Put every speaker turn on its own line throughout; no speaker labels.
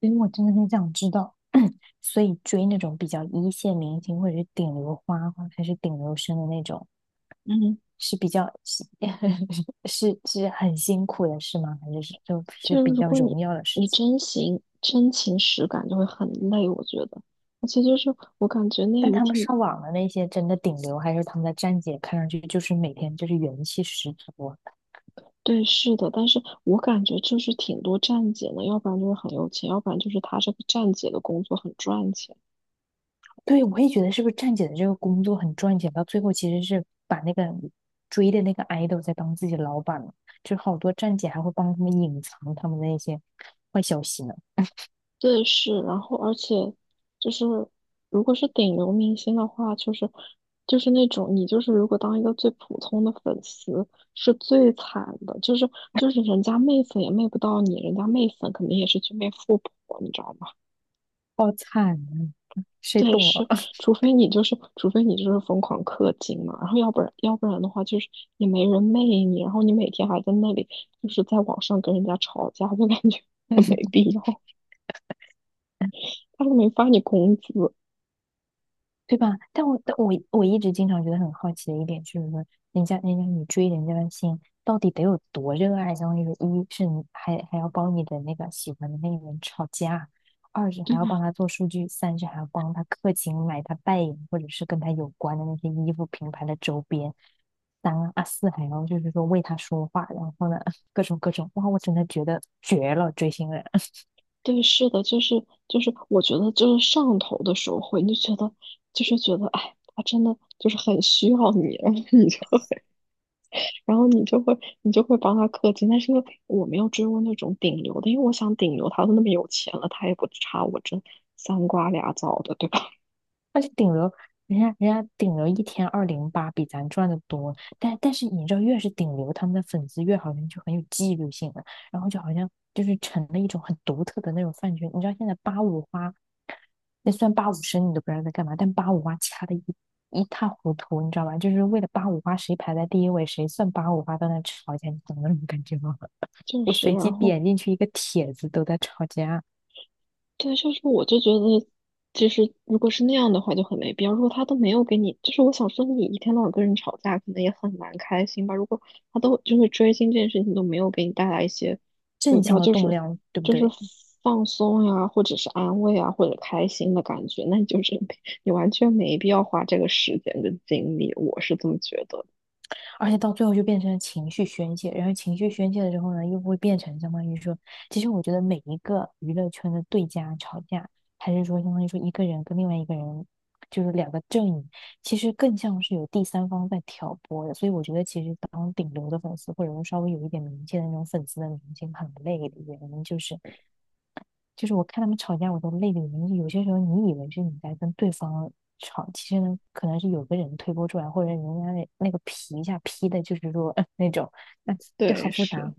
因为我真的很想知道，所以追那种比较一线明星或者是顶流花花还是顶流生的那种，
嗯，
是比较 是很辛苦的事吗？还是就
就
是
是
比
如
较
果你
荣耀的事
你
情？
真情实感，就会很累，我觉得。而且就是我感觉内
但
娱
他们
挺。
上网的那些真的顶流，还是他们的站姐，看上去就是每天就是元气十足啊。
对，是的，但是我感觉就是挺多站姐呢，要不然就是很有钱，要不然就是他这个站姐的工作很赚钱。
对，我也觉得是不是站姐的这个工作很赚钱，到最后其实是把那个追的那个 idol 在当自己的老板了，就好多站姐还会帮他们隐藏他们的那些坏消息呢，
对，是，然后而且就是，如果是顶流明星的话，就是那种你就是如果当一个最普通的粉丝是最惨的，就是人家媚粉也媚不到你，人家媚粉肯定也是去媚富婆，你知道吗？
好惨啊，谁
对，
懂
是，
啊？
除非你就是疯狂氪金嘛，然后要不然的话就是也没人媚你，然后你每天还在那里就是在网上跟人家吵架，就感觉 很没必要，他都没发你工资。
对吧？但我一直经常觉得很好奇的一点就是说，人家你追人家的心到底得有多热爱？相当于说，一是你还要帮你的那个喜欢的那个人吵架，二是
对
还要帮
呀。
他做数据，三是还要帮他氪金买他代言或者是跟他有关的那些衣服品牌的周边，三，四还要就是说为他说话，然后呢 各种各种，哇，我真的觉得绝了，追星人。
对，是的，就是，我觉得就是上头的时候会，你就觉得就是觉得，哎，他真的就是很需要你，然后你就会，你就会帮他氪金。但是因为我没有追过那种顶流的，因为我想顶流他都那么有钱了，他也不差我这三瓜俩枣的，对吧？
而且顶流，人家顶流一天208，比咱赚的多。但是你知道，越是顶流，他们的粉丝越好像就很有纪律性了，然后就好像就是成了一种很独特的那种饭圈。你知道现在八五花，那虽然八五身你都不知道在干嘛，但八五花掐的一塌糊涂，你知道吧？就是为了八五花谁排在第一位，谁算八五花，都在那吵架，你懂那种感觉吗？
就
我
是，
随
然
机
后
点进去一个帖子，都在吵架，
对，就是我就觉得，其实如果是那样的话，就很没必要。如果他都没有给你，就是我想说，你一天到晚跟人吵架，可能也很难开心吧。如果他都就是追星这件事情都没有给你带来一些，我也
正
不知
向
道，
的
就
动
是
量，对不
就是
对？
放松呀，或者是安慰啊，或者开心的感觉，那你就是没，你完全没必要花这个时间跟精力。我是这么觉得。
而且到最后就变成了情绪宣泄，然后情绪宣泄了之后呢，又会变成相当于说，其实我觉得每一个娱乐圈的对家吵架，还是说相当于说一个人跟另外一个人，就是两个阵营，其实更像是有第三方在挑拨的。所以我觉得，其实当顶流的粉丝，或者说稍微有一点名气的那种粉丝的明星，很累的原因就是。就是我看他们吵架，我都泪流满面。有些时候你以为是你在跟对方吵，其实呢，可能是有个人推波助澜，或者人家那个皮一下劈的，就是说、那种，那、就
对，
好复杂，
是。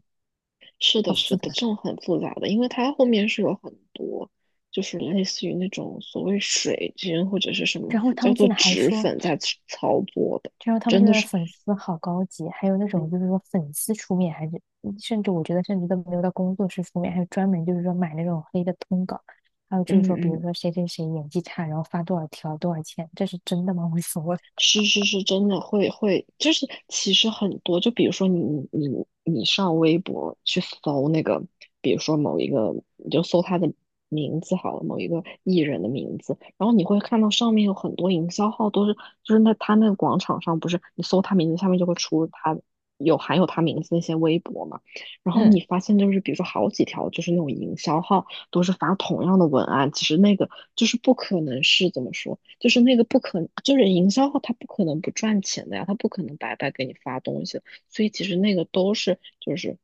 是
好
的，是
复
的，这
杂。
种很复杂的，因为它后面是有很多，就是类似于那种所谓水军或者是什么
然后他
叫
们
做
现在还
脂
说，
粉在操作的，
就说他们
真
现
的
在的
是，
粉丝好高级，还有那
嗯
种就是说粉丝出面，还是甚至我觉得甚至都没有到工作室出面，还有专门就是说买那种黑的通稿。还有就是
嗯
说，比如
嗯
说谁谁谁演技差，然后发多少条多少钱，这是真的吗？无所谓。
是是是，真的会，就是其实很多，就比如说你你上微博去搜那个，比如说某一个，你就搜他的名字好了，某一个艺人的名字，然后你会看到上面有很多营销号都是，就是那他那个广场上不是你搜他名字下面就会出他有含有他名字那些微博嘛，然后
嗯。
你发现就是比如说好几条就是那种营销号都是发同样的文案，其实那个就是不可能是怎么说。就是那个不可，就是营销号，他不可能不赚钱的呀，他不可能白白给你发东西的。所以其实那个都是就是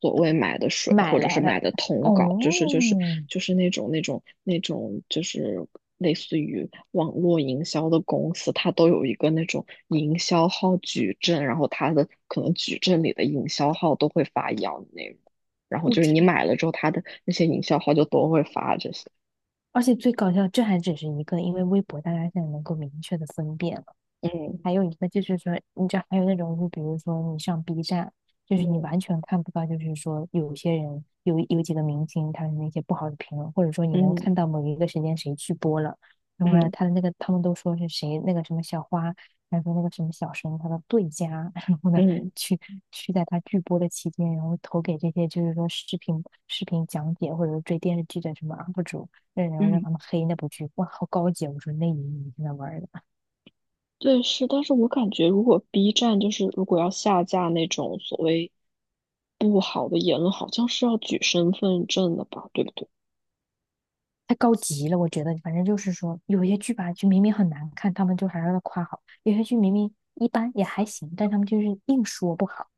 所谓买的水，
买
或者是
来的。
买的通稿，就是就
哦，
是就是那种就是类似于网络营销的公司，它都有一个那种营销号矩阵，然后它的可能矩阵里的营销号都会发一样的内容，然后
我
就是你
去，
买了之后，它的那些营销号就都会发这些。
而且最搞笑，这还只是一个，因为微博大家现在能够明确的分辨，
嗯
还有一个就是说，你知道还有那种，就比如说你上 B 站，就是你
嗯
完全看不到，就是说有些人有几个明星他的那些不好的评论，或者说你能
嗯
看到某一个时间谁去播了，然后呢，
嗯
他的那个他们都说是谁那个什么小花，还说那个什么小生他的对家，然后呢
嗯。
去去在他剧播的期间，然后投给这些就是说视频讲解或者说追电视剧的什么 UP 主，然后让
嗯，
他们黑那部剧，哇，好高级啊！我说那你你在那玩儿的。
对，是，但是我感觉如果 B 站就是如果要下架那种所谓不好的言论，好像是要举身份证的吧，对不对？
太高级了，我觉得，反正就是说，有些剧吧，就明明很难看，他们就还让要夸好；有些剧明明一般也还行，但他们就是硬说不好，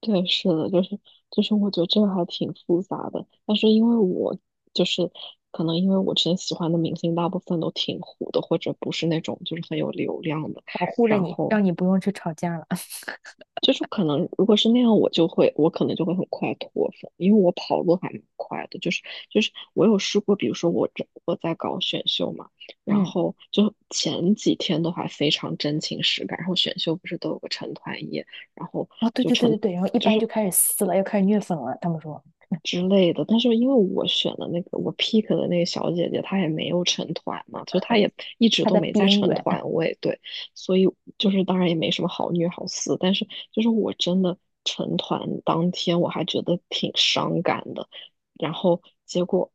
对，是的，就是，我觉得这个还挺复杂的。但是因为我就是可能因为我之前喜欢的明星大部分都挺糊的，或者不是那种就是很有流量的，
保护了
然
你，
后
让你不用去吵架了。
就是可能如果是那样，我就会，我可能就会很快脱粉，因为我跑路还蛮快的。就是我有试过，比如说我在搞选秀嘛，然
嗯，
后就前几天的话非常真情实感，然后选秀不是都有个成团夜，然后
哦，对
就
对对
成。
对对，然后一
就
般就
是。
开始撕了，又开始虐粉了。他们说
之类的。但是因为我选的那个我 pick 的那个小姐姐，她也没有成团嘛，就她也一直
他
都
在
没在
边
成
缘，
团，我也对，所以就是当然也没什么好虐好撕，但是就是我真的成团当天我还觉得挺伤感的，然后结果。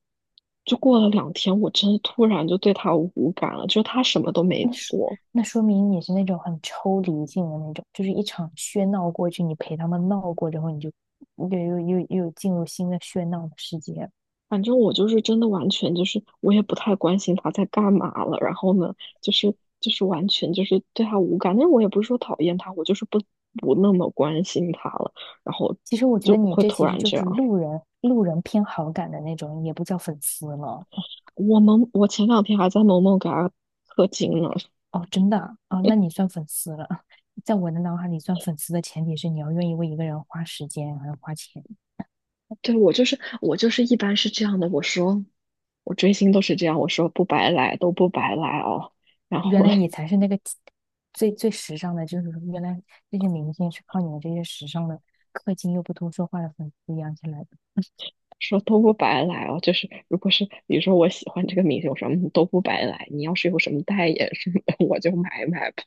就过了两天，我真的突然就对她无感了，就是她什么都没
那说
做，
那说明你是那种很抽离性的那种，就是一场喧闹过去，你陪他们闹过之后，你就又进入新的喧闹的世界了。
反正我就是真的完全就是我也不太关心他在干嘛了，然后呢，就是就是完全就是对他无感，但是我也不是说讨厌他，我就是不那么关心他了，然后
其实我觉
就
得你
会
这
突
其实
然
就
这
是
样。
路人偏好感的那种，也不叫粉丝了。
我前两天还在萌萌给他氪金呢。
哦，真的啊，哦那你算粉丝了。在我的脑海里，算粉丝的前提是你要愿意为一个人花时间，还要花钱。
对，我就是一般是这样的，我说我追星都是这样，我说不白来都不白来哦，然
原
后
来你才是那个最最时尚的，就是原来这些明星是靠你们这些时尚的、氪金又不多说话的粉丝养起来的。
说都不白来哦，就是如果是比如说我喜欢这个明星，我说嗯都不白来，你要是有什么代言什么的，我就买买吧，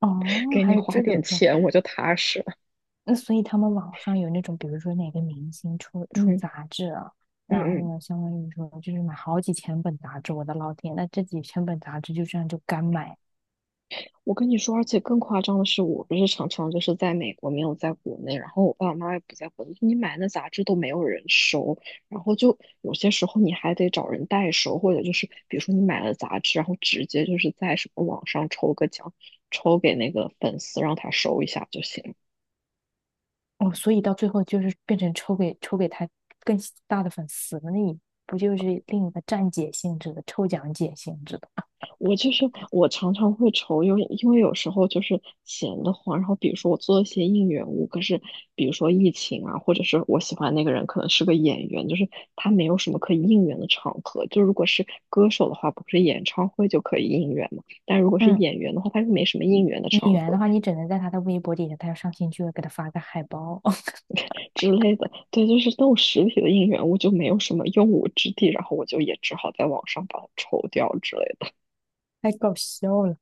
哦，
给
还
你
有
花
这
点
种说
钱我就踏实了。
那所以他们网上有那种，比如说哪个明星出
嗯
杂志了，
嗯
然后
嗯，
呢，相当于说就是买好几千本杂志，我的老天，那这几千本杂志就这样就干买
我跟你说，而且更夸张的是，我不是常常就是在美国没有在国内，然后我爸爸妈妈也不在国内，你买那杂志都没有人收，然后就有些时候你还得找人代收，或者就是比如说你买了杂志，然后直接就是在什么网上抽个奖，抽给那个粉丝让他收一下就行。
哦，所以到最后就是变成抽给他更大的粉丝了，那你不就是另一个站姐性质的抽奖姐性质的？
我就是我常常会愁，因为有时候就是闲得慌，然后比如说我做一些应援物，可是比如说疫情啊，或者是我喜欢那个人可能是个演员，就是他没有什么可以应援的场合。就如果是歌手的话，不是演唱会就可以应援嘛？但如果是
嗯，
演员的话，他就没什么应援的
演
场
员的
合
话，你只能在他的微博底下，他要上新剧会给他发个海报，
之类的。对，就是那种实体的应援物就没有什么用武之地，然后我就也只好在网上把它抽掉之类的。
太搞笑了。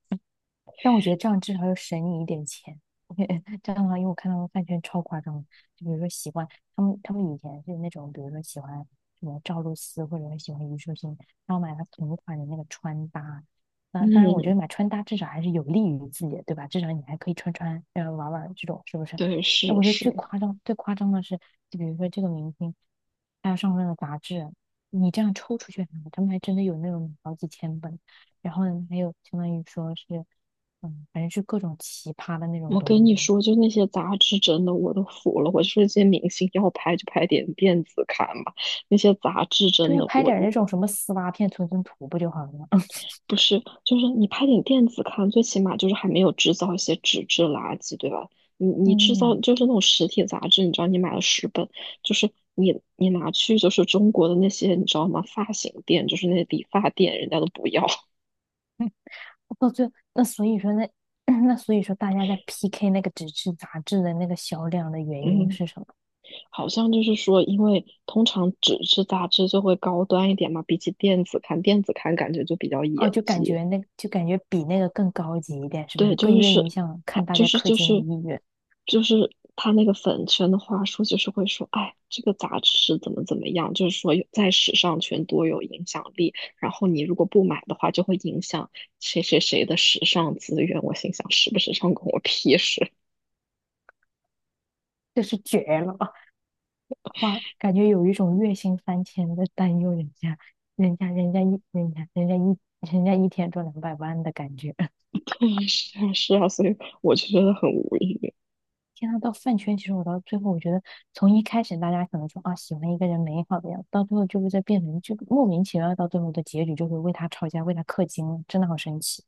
但我觉得这样至少要省你一点钱。这样的话，因为我看他们饭圈超夸张的，就比如说喜欢他们，他们以前是那种，比如说喜欢什么赵露思或者是喜欢虞书欣，然后买了同款的那个穿搭。那当然，我觉
嗯，
得买穿搭至少还是有利于自己的，对吧？至少你还可以穿穿，玩玩这种，是不是？
对，
那
是
我觉得最
是。
夸张、最夸张的是，就比如说这个明星，他要上那个杂志，你这样抽出去，他们还真的有那种好几千本。然后呢，还有相当于说是。嗯，反正是各种奇葩的那种
我跟
东
你
西。
说，就那些杂志真的我都服了。我就说这些明星要拍就拍点电子刊吧，那些杂志真
对，
的
拍
我
点儿那种什么丝袜片存存图不就好了吗？
不是，就是你拍点电子刊，最起码就是还没有制造一些纸质垃圾，对吧？你制造
嗯，
就是那种实体杂志，你知道你买了10本，就是你拿去就是中国的那些你知道吗？发型店就是那些理发店，人家都不要。
到最后，那所以说那 那所以说大家在 PK 那个纸质杂志的那个销量的原因
嗯，
是什么？
好像就是说，因为通常纸质杂志就会高端一点嘛，比起电子刊，电子刊感觉就比较
哦，
野
就感
鸡。
觉那就感觉比那个更高级一点，是不
对，
是？
就
更
是
愿意
是，
像
他
看大
就
家
是
氪
就
金的
是
意愿，
就是他那个粉圈的话术，就是会说，哎，这个杂志是怎么怎么样，就是说有在时尚圈多有影响力，然后你如果不买的话，就会影响谁谁谁的时尚资源。我心想，时不时尚关我屁事。
这是绝了！哇，感觉有一种月薪3000在担忧人家，人家人家一人家人家一人家一天赚2,000,000的感觉。
对，是啊，是啊，所以我就觉得很无语。
天呐，到饭圈，其实我到最后，我觉得从一开始大家可能说啊喜欢一个人美好的样子，到最后就会在变成就莫名其妙，到最后的结局就会为他吵架，为他氪金了，真的好神奇！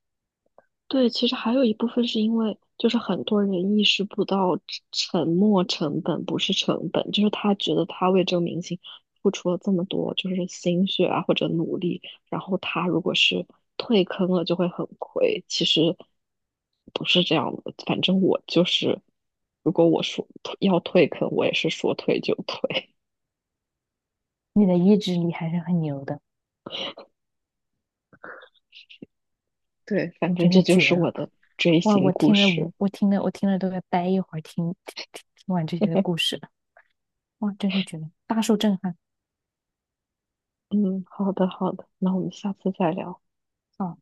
对，其实还有一部分是因为，就是很多人意识不到沉没成本不是成本，就是他觉得他为这个明星付出了这么多，就是心血啊或者努力，然后他如果是退坑了就会很亏。其实不是这样的，反正我就是，如果我说要退坑，我也是说退就退。
你的意志力还是很牛的，
对，反
我
正
真
这
是
就
绝
是我
了！
的追
哇，
星
我
故
听了
事。
我我听了我听了都要待一会儿听完这些的故 事了哇，真是绝了，大受震撼！
嗯，好的好的，那我们下次再聊。
啊！